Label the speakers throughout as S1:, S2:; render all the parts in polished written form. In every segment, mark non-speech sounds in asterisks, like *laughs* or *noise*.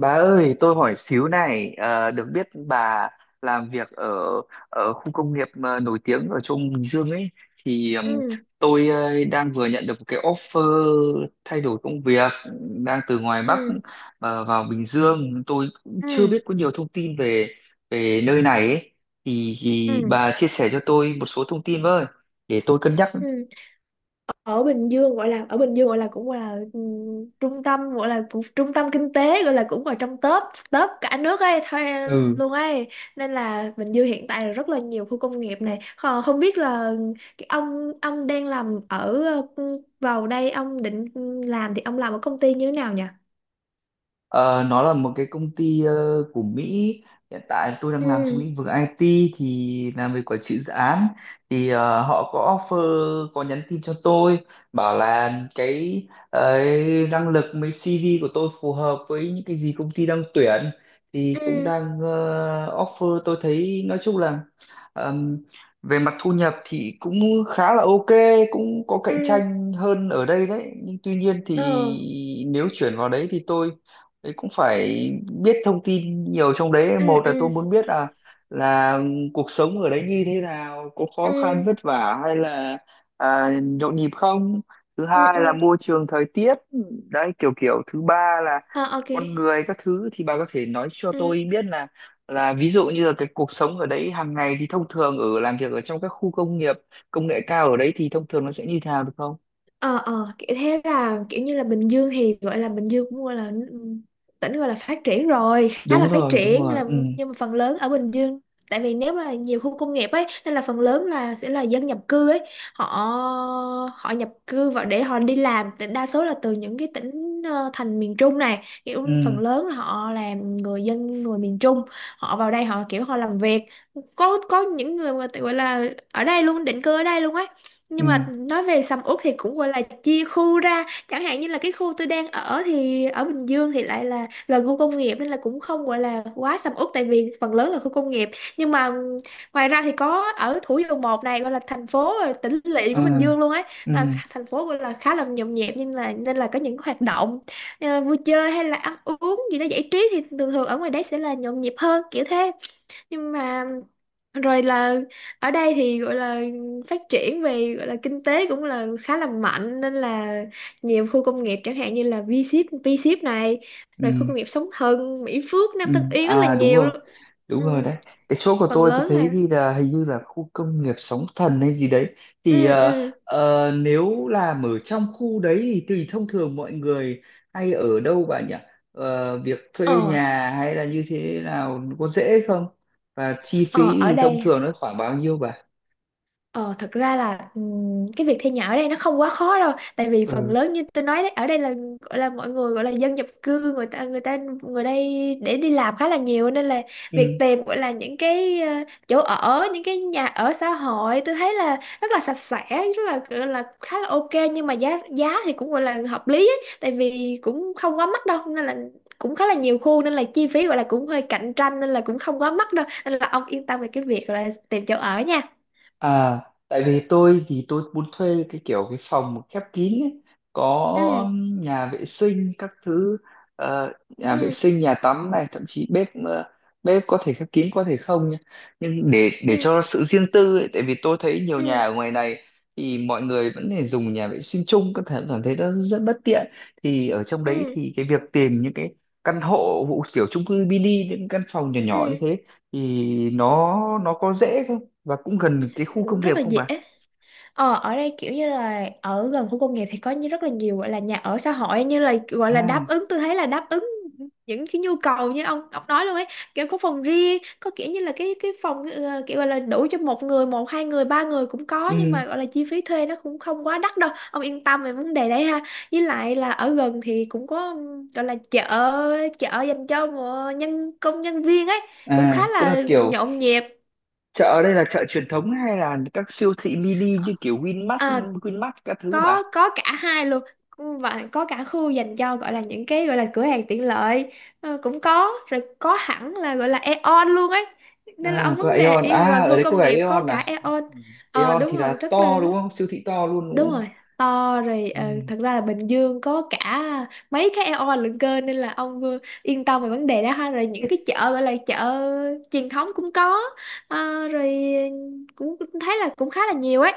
S1: Bà ơi, tôi hỏi xíu này, được biết bà làm việc ở ở khu công nghiệp nổi tiếng ở trong Bình Dương ấy, thì
S2: ừ
S1: tôi đang vừa nhận được một cái offer thay đổi công việc, đang từ ngoài Bắc
S2: ừ
S1: vào Bình Dương, tôi cũng chưa
S2: ừ
S1: biết có nhiều thông tin về về nơi này ấy, thì
S2: ừ
S1: bà chia sẻ cho tôi một số thông tin với, để tôi cân nhắc.
S2: ừ. Ở Bình Dương gọi là ở Bình Dương gọi là cũng là trung tâm gọi là cũng trung tâm kinh tế gọi là cũng là trong top top cả nước ấy thôi
S1: Ừ.
S2: luôn ấy, nên là Bình Dương hiện tại là rất là nhiều khu công nghiệp này. Ờ, Không biết là cái ông đang làm ở, vào đây ông định làm thì ông làm ở công ty như thế nào nhỉ?
S1: Ờ, nó là một cái công ty của Mỹ. Hiện tại tôi đang làm trong
S2: Ừ
S1: lĩnh vực IT thì làm về quản trị dự án. Thì họ có offer, có nhắn tin cho tôi bảo là cái năng lực với CV của tôi phù hợp với những cái gì công ty đang tuyển, thì cũng
S2: ừ
S1: đang offer. Tôi thấy nói chung là ờm, về mặt thu nhập thì cũng khá là ok, cũng có cạnh
S2: ừ
S1: tranh hơn ở đây đấy, nhưng tuy nhiên thì
S2: ờ
S1: nếu chuyển vào đấy thì tôi đấy cũng phải biết thông tin nhiều trong đấy.
S2: ừ
S1: Một là tôi
S2: ừ
S1: muốn biết là cuộc sống ở đấy như thế nào, có
S2: ừ
S1: khó khăn vất vả hay là nhộn nhịp không. Thứ
S2: ừ
S1: hai
S2: ừ
S1: là môi trường thời tiết đấy kiểu kiểu thứ ba là
S2: ờ Ok.
S1: con người các thứ. Thì bà có thể nói cho
S2: ừ
S1: tôi biết là ví dụ như là cái cuộc sống ở đấy hàng ngày thì thông thường ở làm việc ở trong các khu công nghiệp công nghệ cao ở đấy thì thông thường nó sẽ như thế nào được không?
S2: ờ Kiểu thế là kiểu như là Bình Dương thì gọi là Bình Dương cũng gọi là tỉnh gọi là phát triển rồi, khá
S1: Đúng
S2: là phát
S1: rồi, đúng
S2: triển, nên
S1: rồi.
S2: là
S1: Ừ,
S2: nhưng mà phần lớn ở Bình Dương, tại vì nếu mà nhiều khu công nghiệp ấy nên là phần lớn là sẽ là dân nhập cư ấy. Họ họ nhập cư vào để họ đi làm. Thì đa số là từ những cái tỉnh thành miền Trung này,
S1: ừ,
S2: kiểu phần lớn là họ là người dân người miền Trung. Họ vào đây họ kiểu họ làm việc, có những người mà tự gọi là ở đây luôn, định cư ở đây luôn ấy. Nhưng mà
S1: ừ,
S2: nói về sầm uất thì cũng gọi là chia khu ra. Chẳng hạn như là cái khu tôi đang ở thì ở Bình Dương thì lại là gần khu công nghiệp, nên là cũng không gọi là quá sầm uất, tại vì phần lớn là khu công nghiệp. Nhưng mà ngoài ra thì có ở Thủ Dầu Một này, gọi là thành phố tỉnh lỵ
S1: ừ,
S2: của Bình Dương luôn ấy,
S1: ừ,
S2: là thành phố gọi là khá là nhộn nhịp, nhưng là nên là có những hoạt động vui chơi hay là ăn uống gì đó giải trí. Thì thường thường ở ngoài đấy sẽ là nhộn nhịp hơn, kiểu thế. Nhưng mà rồi là ở đây thì gọi là phát triển về, gọi là kinh tế cũng là khá là mạnh, nên là nhiều khu công nghiệp, chẳng hạn như là V-Ship này,
S1: ừ.
S2: rồi khu công nghiệp Sóng Thần, Mỹ Phước,
S1: Ừ,
S2: Nam Tân Yên, rất là
S1: à, đúng
S2: nhiều
S1: rồi,
S2: luôn.
S1: đúng rồi
S2: Ừ,
S1: đấy. Cái chỗ của
S2: phần
S1: tôi
S2: lớn
S1: thấy
S2: là
S1: ghi là hình như là khu công nghiệp Sóng Thần hay gì đấy. Thì
S2: ừ ừ
S1: nếu làm ở trong khu đấy thì tùy, thông thường mọi người hay ở đâu bà nhỉ? Ờ, việc thuê
S2: ờ
S1: nhà hay là như thế nào, có dễ không và chi phí
S2: ờ ở
S1: thì thông
S2: đây.
S1: thường nó khoảng bao nhiêu bà?
S2: Ờ, Thật ra là cái việc thuê nhà ở đây nó không quá khó đâu, tại vì phần lớn như tôi nói đấy, ở đây là gọi là mọi người gọi là dân nhập cư, người ta người đây để đi làm khá là nhiều, nên là việc
S1: Ừ.
S2: tìm gọi là những cái chỗ ở, những cái nhà ở xã hội, tôi thấy là rất là sạch sẽ, rất là gọi là khá là ok. Nhưng mà giá giá thì cũng gọi là hợp lý ấy, tại vì cũng không quá mắc đâu, nên là cũng khá là nhiều khu, nên là chi phí gọi là cũng hơi cạnh tranh, nên là cũng không quá mắc đâu, nên là ông yên tâm về cái việc là tìm chỗ ở nha.
S1: À, tại vì tôi thì tôi muốn thuê cái kiểu cái phòng khép kín ấy, có
S2: Ừ.
S1: nhà vệ sinh các thứ. Nhà vệ
S2: ừ
S1: sinh nhà tắm này, thậm chí bếp bếp có thể khép kín có thể không nhá. Nhưng để
S2: ừ
S1: cho sự riêng tư ấy, tại vì tôi thấy nhiều nhà
S2: ừ
S1: ở ngoài này thì mọi người vẫn phải dùng nhà vệ sinh chung, có thể cảm thấy nó rất bất tiện. Thì ở trong đấy
S2: ừ
S1: thì cái việc tìm những cái căn hộ hộ kiểu chung cư mini, những căn phòng nhỏ nhỏ như
S2: ừ
S1: thế thì nó có dễ không? Và cũng gần cái khu công nghiệp
S2: Rất là
S1: không
S2: dễ.
S1: bà?
S2: Ờ, ở đây kiểu như là ở gần khu công nghiệp thì có như rất là nhiều gọi là nhà ở xã hội, như là gọi là
S1: À,
S2: đáp ứng, tôi thấy là đáp ứng những cái nhu cầu như ông nói luôn đấy, kiểu có phòng riêng, có kiểu như là cái phòng kiểu gọi là đủ cho một người, một hai người, ba người cũng có. Nhưng
S1: ừ,
S2: mà gọi là chi phí thuê nó cũng không quá đắt đâu, ông yên tâm về vấn đề đấy ha. Với lại là ở gần thì cũng có, gọi là chợ, chợ dành cho nhân công, nhân viên ấy, cũng khá
S1: à, tức là
S2: là
S1: kiểu
S2: nhộn nhịp.
S1: chợ ở đây là chợ truyền thống hay là các siêu thị mini như kiểu Winmart
S2: À,
S1: Winmart các thứ bà?
S2: có cả hai luôn. Ừ, và có cả khu dành cho gọi là những cái gọi là cửa hàng tiện lợi, cũng có rồi, có hẳn là gọi là Aeon luôn ấy, nên là
S1: À
S2: ông
S1: có
S2: vấn đề
S1: Aeon
S2: y
S1: à?
S2: gần
S1: Ở
S2: khu
S1: đấy có
S2: công
S1: cả
S2: nghiệp có
S1: Aeon
S2: cả
S1: à?
S2: Aeon.
S1: Ừ. Aeon thì
S2: Đúng
S1: là
S2: rồi, rất là
S1: to đúng không, siêu thị to luôn đúng
S2: đúng
S1: không?
S2: rồi, to rồi.
S1: Ừ.
S2: Ờ, Thật ra là Bình Dương có cả mấy cái Aeon lận cơ, nên là ông yên tâm về vấn đề đó ha. Rồi những cái chợ gọi là chợ truyền thống cũng có. Ờ, rồi cũng thấy là cũng khá là nhiều ấy.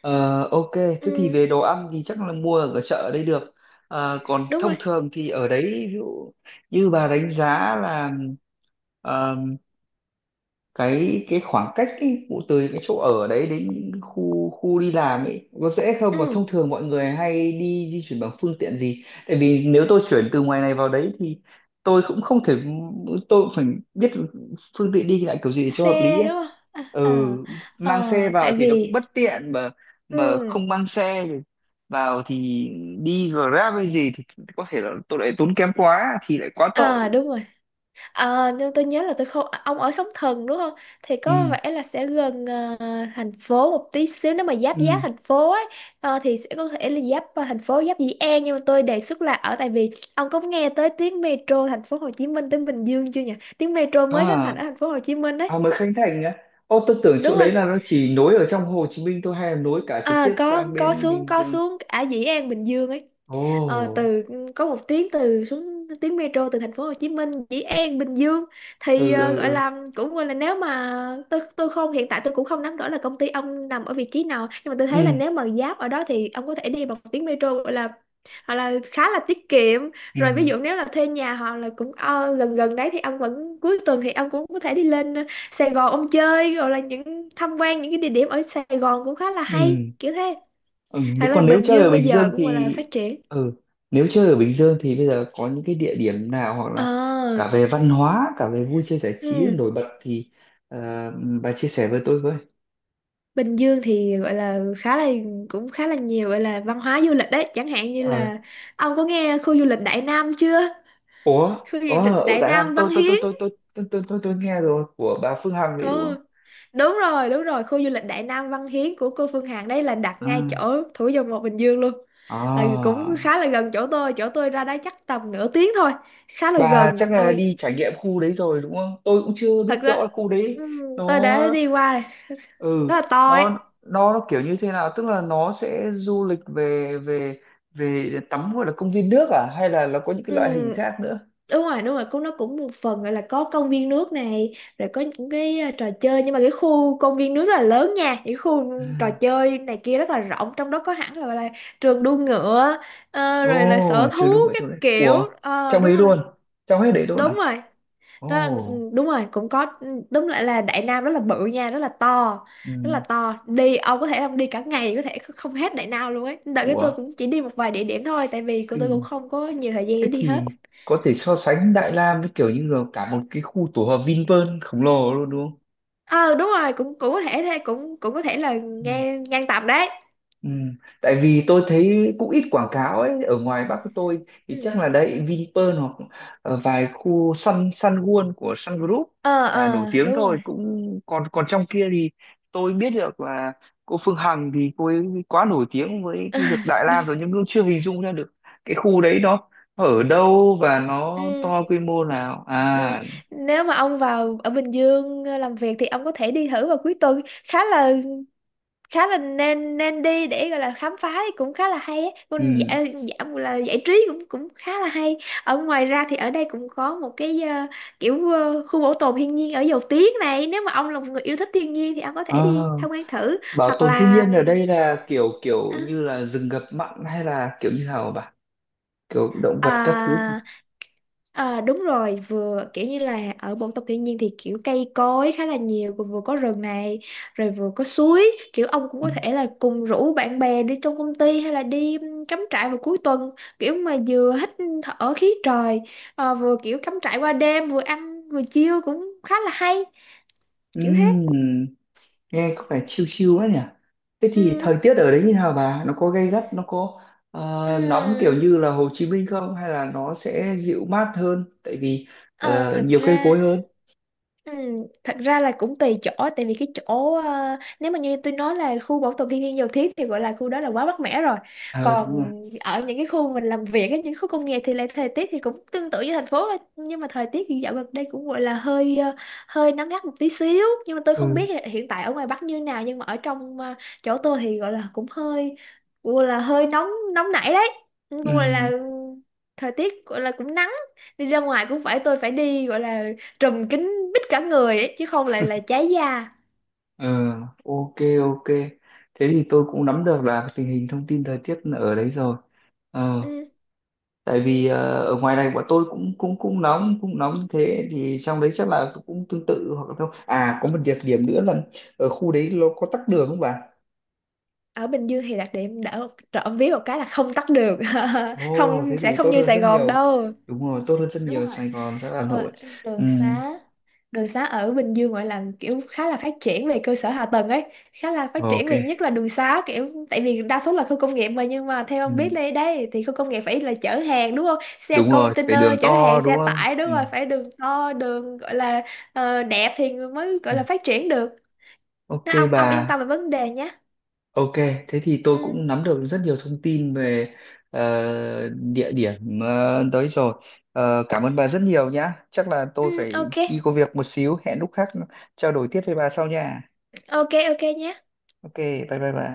S1: Ờ, ok, thế thì
S2: Ừ,
S1: về đồ ăn thì chắc là mua ở chợ ở đây được. Ờ, còn
S2: đúng
S1: thông
S2: rồi.
S1: thường thì ở đấy, ví dụ như bà đánh giá là cái khoảng cách ấy, vụ từ cái chỗ ở đấy đến khu khu đi làm ấy, có dễ không và
S2: Ừ,
S1: thông thường mọi người hay đi di chuyển bằng phương tiện gì? Tại vì nếu tôi chuyển từ ngoài này vào đấy thì tôi cũng không thể, tôi cũng phải biết phương tiện đi lại kiểu gì để cho hợp lý
S2: xe đúng
S1: ấy.
S2: không?
S1: Ừ,
S2: Ờ.
S1: mang xe vào
S2: Tại
S1: thì nó cũng
S2: vì,
S1: bất tiện mà
S2: ừ,
S1: không mang xe thì vào thì đi Grab hay gì thì có thể là tôi lại tốn kém quá thì lại quá tội.
S2: à đúng rồi. À, nhưng tôi nhớ là tôi không, ông ở Sóng Thần đúng không? Thì có
S1: Ừ,
S2: vẻ là sẽ gần thành phố một tí xíu, nếu mà giáp giáp
S1: ừ,
S2: thành phố ấy. Ờ, thì sẽ có thể là giáp thành phố, giáp Dĩ An. Nhưng mà tôi đề xuất là ở, tại vì ông có nghe tới tuyến metro thành phố Hồ Chí Minh tới Bình Dương chưa nhỉ? Tuyến metro mới khánh thành
S1: à.
S2: ở thành phố Hồ Chí Minh đấy,
S1: À mới Khánh Thành á. Ô, tôi tưởng chỗ
S2: đúng rồi.
S1: đấy là nó chỉ nối ở trong Hồ Chí Minh thôi, hay là nối cả trực
S2: À,
S1: tiếp sang
S2: có
S1: bên
S2: xuống,
S1: Bình
S2: có
S1: Dương?
S2: xuống ở Dĩ An Bình Dương ấy.
S1: Ồ.
S2: Ờ, từ có một tuyến từ, xuống tuyến metro từ thành phố Hồ Chí Minh, Dĩ An, Bình Dương.
S1: Ừ,
S2: Thì
S1: ừ,
S2: gọi
S1: ừ.
S2: là cũng gọi là nếu mà tôi không, hiện tại tôi cũng không nắm rõ là công ty ông nằm ở vị trí nào, nhưng mà tôi thấy là
S1: Ừ,
S2: nếu mà giáp ở đó thì ông có thể đi bằng tuyến metro, gọi là hoặc là khá là tiết kiệm.
S1: ừ,
S2: Rồi ví dụ nếu là thuê nhà hoặc là cũng gần gần đấy, thì ông vẫn cuối tuần thì ông cũng có thể đi lên Sài Gòn ông chơi, rồi là những tham quan những cái địa điểm ở Sài Gòn cũng khá là hay,
S1: ừ.
S2: kiểu thế.
S1: Ừ.
S2: Hoặc là
S1: Còn nếu
S2: Bình
S1: chơi ở
S2: Dương bây
S1: Bình
S2: giờ
S1: Dương
S2: cũng gọi là
S1: thì
S2: phát triển.
S1: ừ, nếu chơi ở Bình Dương thì bây giờ có những cái địa điểm nào, hoặc
S2: ờ
S1: là cả về văn hóa, cả về vui chơi giải trí
S2: ừ.
S1: nổi bật thì ờ, bà chia sẻ với tôi với.
S2: Bình Dương thì gọi là khá là cũng khá là nhiều gọi là văn hóa du lịch đấy, chẳng hạn như
S1: Ờ.
S2: là ông có nghe khu du lịch Đại Nam chưa?
S1: Ủa.
S2: Khu du lịch
S1: Ở
S2: Đại
S1: Đại Nam
S2: Nam Văn Hiến.
S1: tôi nghe rồi, của bà Phương Hằng đấy đúng không?
S2: Ừ, đúng rồi, khu du lịch Đại Nam Văn Hiến của cô Phương Hằng đấy là đặt ngay
S1: À.
S2: chỗ Thủ Dầu Một Bình Dương luôn. Là
S1: À.
S2: cũng khá là gần chỗ tôi ra đó chắc tầm nửa tiếng thôi, khá là
S1: Bà
S2: gần.
S1: chắc là
S2: Rồi,
S1: đi trải nghiệm khu đấy rồi đúng không? Tôi cũng chưa biết
S2: thật ra
S1: rõ khu đấy
S2: ừm, tôi
S1: nó
S2: đã đi qua rồi,
S1: ừ
S2: rất là to ấy.
S1: nó nó kiểu như thế nào, tức là nó sẽ du lịch về về về tắm, gọi là công viên nước à, hay là nó có những
S2: Ừ.
S1: cái loại hình khác nữa?
S2: Đúng rồi, đúng rồi, cũng nó cũng một phần gọi là có công viên nước này, rồi có những cái trò chơi, nhưng mà cái khu công viên nước rất là lớn nha, những khu
S1: Ừ.
S2: trò chơi này kia rất là rộng, trong đó có hẳn là, gọi là trường đua ngựa,
S1: Ồ,
S2: rồi là sở
S1: chưa
S2: thú
S1: đúng ở
S2: các
S1: chỗ đấy.
S2: kiểu.
S1: Ủa,
S2: Ờ,
S1: trong
S2: đúng
S1: ấy
S2: rồi,
S1: luôn, trong hết đấy luôn
S2: đúng
S1: à?
S2: rồi, đó là,
S1: Ồ,
S2: ừ, đúng rồi cũng có. Ừ, đúng lại là Đại Nam rất là bự nha, rất là to,
S1: ừ.
S2: rất là to. Đi ông có thể ông đi cả ngày có thể không hết Đại Nam luôn ấy, đợt cái tôi
S1: Ủa,
S2: cũng chỉ đi một vài địa điểm thôi, tại vì cô tôi cũng
S1: kinh.
S2: không có nhiều thời gian để
S1: Thế
S2: đi
S1: thì
S2: hết.
S1: có thể so sánh Đại Lam với kiểu như là cả một cái khu tổ hợp Vinpearl khổng lồ luôn đúng
S2: Ờ Đúng rồi, cũng cũng có thể thế, cũng cũng có thể là
S1: không?
S2: ngang ngang tầm đấy.
S1: Ừ. Tại vì tôi thấy cũng ít quảng cáo ấy, ở ngoài Bắc của tôi
S2: Ừ.
S1: thì chắc là đấy Vinpearl hoặc vài khu Sun Sun World của Sun Group là nổi
S2: Ờ
S1: tiếng
S2: Đúng
S1: thôi,
S2: rồi.
S1: cũng còn còn trong kia thì tôi biết được là cô Phương Hằng thì cô ấy quá nổi tiếng với cái việc Đại
S2: *laughs*
S1: Lam
S2: Đúng.
S1: rồi, nhưng cũng chưa hình dung ra được cái khu đấy nó ở đâu và nó
S2: Ừ,
S1: to quy mô nào.
S2: ừ.
S1: À,
S2: Nếu mà ông vào ở Bình Dương làm việc thì ông có thể đi thử vào cuối tuần, khá là nên nên đi để gọi là khám phá thì cũng khá là hay á. Còn
S1: ừ.
S2: dạ, dạ, là giải trí cũng cũng khá là hay. Ở ngoài ra thì ở đây cũng có một cái kiểu khu bảo tồn thiên nhiên ở Dầu Tiếng này, nếu mà ông là một người yêu thích thiên nhiên thì ông có thể đi
S1: Ờ,
S2: tham quan thử.
S1: bảo
S2: Hoặc
S1: tồn thiên
S2: là
S1: nhiên ở đây là kiểu kiểu
S2: ừm,
S1: như là rừng ngập mặn hay là kiểu như nào, kiểu động vật các thứ nhỉ?
S2: à, à, đúng rồi, vừa kiểu như là ở bộ tộc thiên nhiên thì kiểu cây cối khá là nhiều, vừa vừa có rừng này, rồi vừa có suối, kiểu ông cũng
S1: Ừ.
S2: có thể là cùng rủ bạn bè đi trong công ty hay là đi cắm trại vào cuối tuần, kiểu mà vừa hít thở khí trời, vừa kiểu cắm trại qua đêm, vừa ăn vừa chiêu cũng khá là hay, kiểu thế.
S1: Ừm, nghe có vẻ chill chill quá nhỉ. Thế thì
S2: Ừ.
S1: thời tiết ở đấy như nào bà, nó có gay gắt, nó có ờ, nóng kiểu
S2: À,
S1: như là Hồ Chí Minh không, hay là nó sẽ dịu mát hơn, tại vì
S2: ờ, thật
S1: nhiều cây
S2: ra
S1: cối hơn.
S2: Ừ, thật ra là cũng tùy chỗ, tại vì cái chỗ nếu mà như tôi nói là khu bảo tồn thiên nhiên Dầu Thiết thì gọi là khu đó là quá mát mẻ rồi.
S1: Ờ đúng
S2: Còn
S1: rồi.
S2: ở những cái khu mình làm việc ấy, những khu công nghiệp thì lại thời tiết thì cũng tương tự như thành phố thôi. Nhưng mà thời tiết thì dạo gần đây cũng gọi là hơi hơi nắng gắt một tí xíu. Nhưng mà tôi không
S1: Ừ,
S2: biết là hiện tại ở ngoài Bắc như nào, nhưng mà ở trong chỗ tôi thì gọi là cũng hơi gọi là hơi nóng, nóng nảy đấy, cũng gọi là
S1: ừ,
S2: thời tiết gọi là cũng nắng, đi ra ngoài cũng phải tôi phải đi gọi là trùm kín mít cả người ấy, chứ không lại là cháy da.
S1: ừ. Ok, ok, thế thì tôi cũng nắm được là tình hình thông tin thời tiết ở đấy rồi. Ờ,
S2: Ừ.
S1: tại vì ở ngoài này bọn tôi cũng cũng cũng nóng như thế thì trong đấy chắc là cũng tương tự hoặc là không. À, có một đặc điểm nữa là ở khu đấy nó có tắc đường không bà?
S2: Ở Bình Dương thì đặc điểm đỡ trộm vía một cái là không tắt đường, *laughs*
S1: Ồ,
S2: không
S1: thế
S2: sẽ
S1: thì
S2: không
S1: tốt
S2: như
S1: hơn
S2: Sài
S1: rất
S2: Gòn
S1: nhiều.
S2: đâu.
S1: Đúng rồi, tốt hơn rất
S2: Đúng
S1: nhiều.
S2: rồi,
S1: Sài Gòn rất là Hà
S2: ờ,
S1: Nội. Ừ,
S2: đường xá đường xá ở Bình Dương gọi là kiểu khá là phát triển về cơ sở hạ tầng ấy, khá là phát triển
S1: ok.
S2: về nhất là đường xá, kiểu tại vì đa số là khu công nghiệp mà. Nhưng mà theo
S1: Ừ,
S2: ông biết đây đây thì khu công nghiệp phải là chở hàng đúng không, xe
S1: đúng rồi phải
S2: container
S1: đường
S2: chở
S1: to
S2: hàng, xe
S1: đúng không.
S2: tải, đúng
S1: Ừ,
S2: rồi phải đường to, đường gọi là đẹp thì mới
S1: ừ.
S2: gọi là phát triển được.
S1: Ok
S2: Nên ông
S1: bà.
S2: ông yên tâm về vấn đề nhé.
S1: Ok, thế thì tôi
S2: Ừ,
S1: cũng nắm được rất nhiều thông tin về ờ, địa điểm đấy rồi. Ờ, cảm ơn bà rất nhiều nhá. Chắc là
S2: ừ,
S1: tôi phải
S2: ok,
S1: đi có việc một xíu. Hẹn lúc khác trao đổi tiếp với bà sau nha.
S2: ok, ok nhé.
S1: Ok, bye bye bà.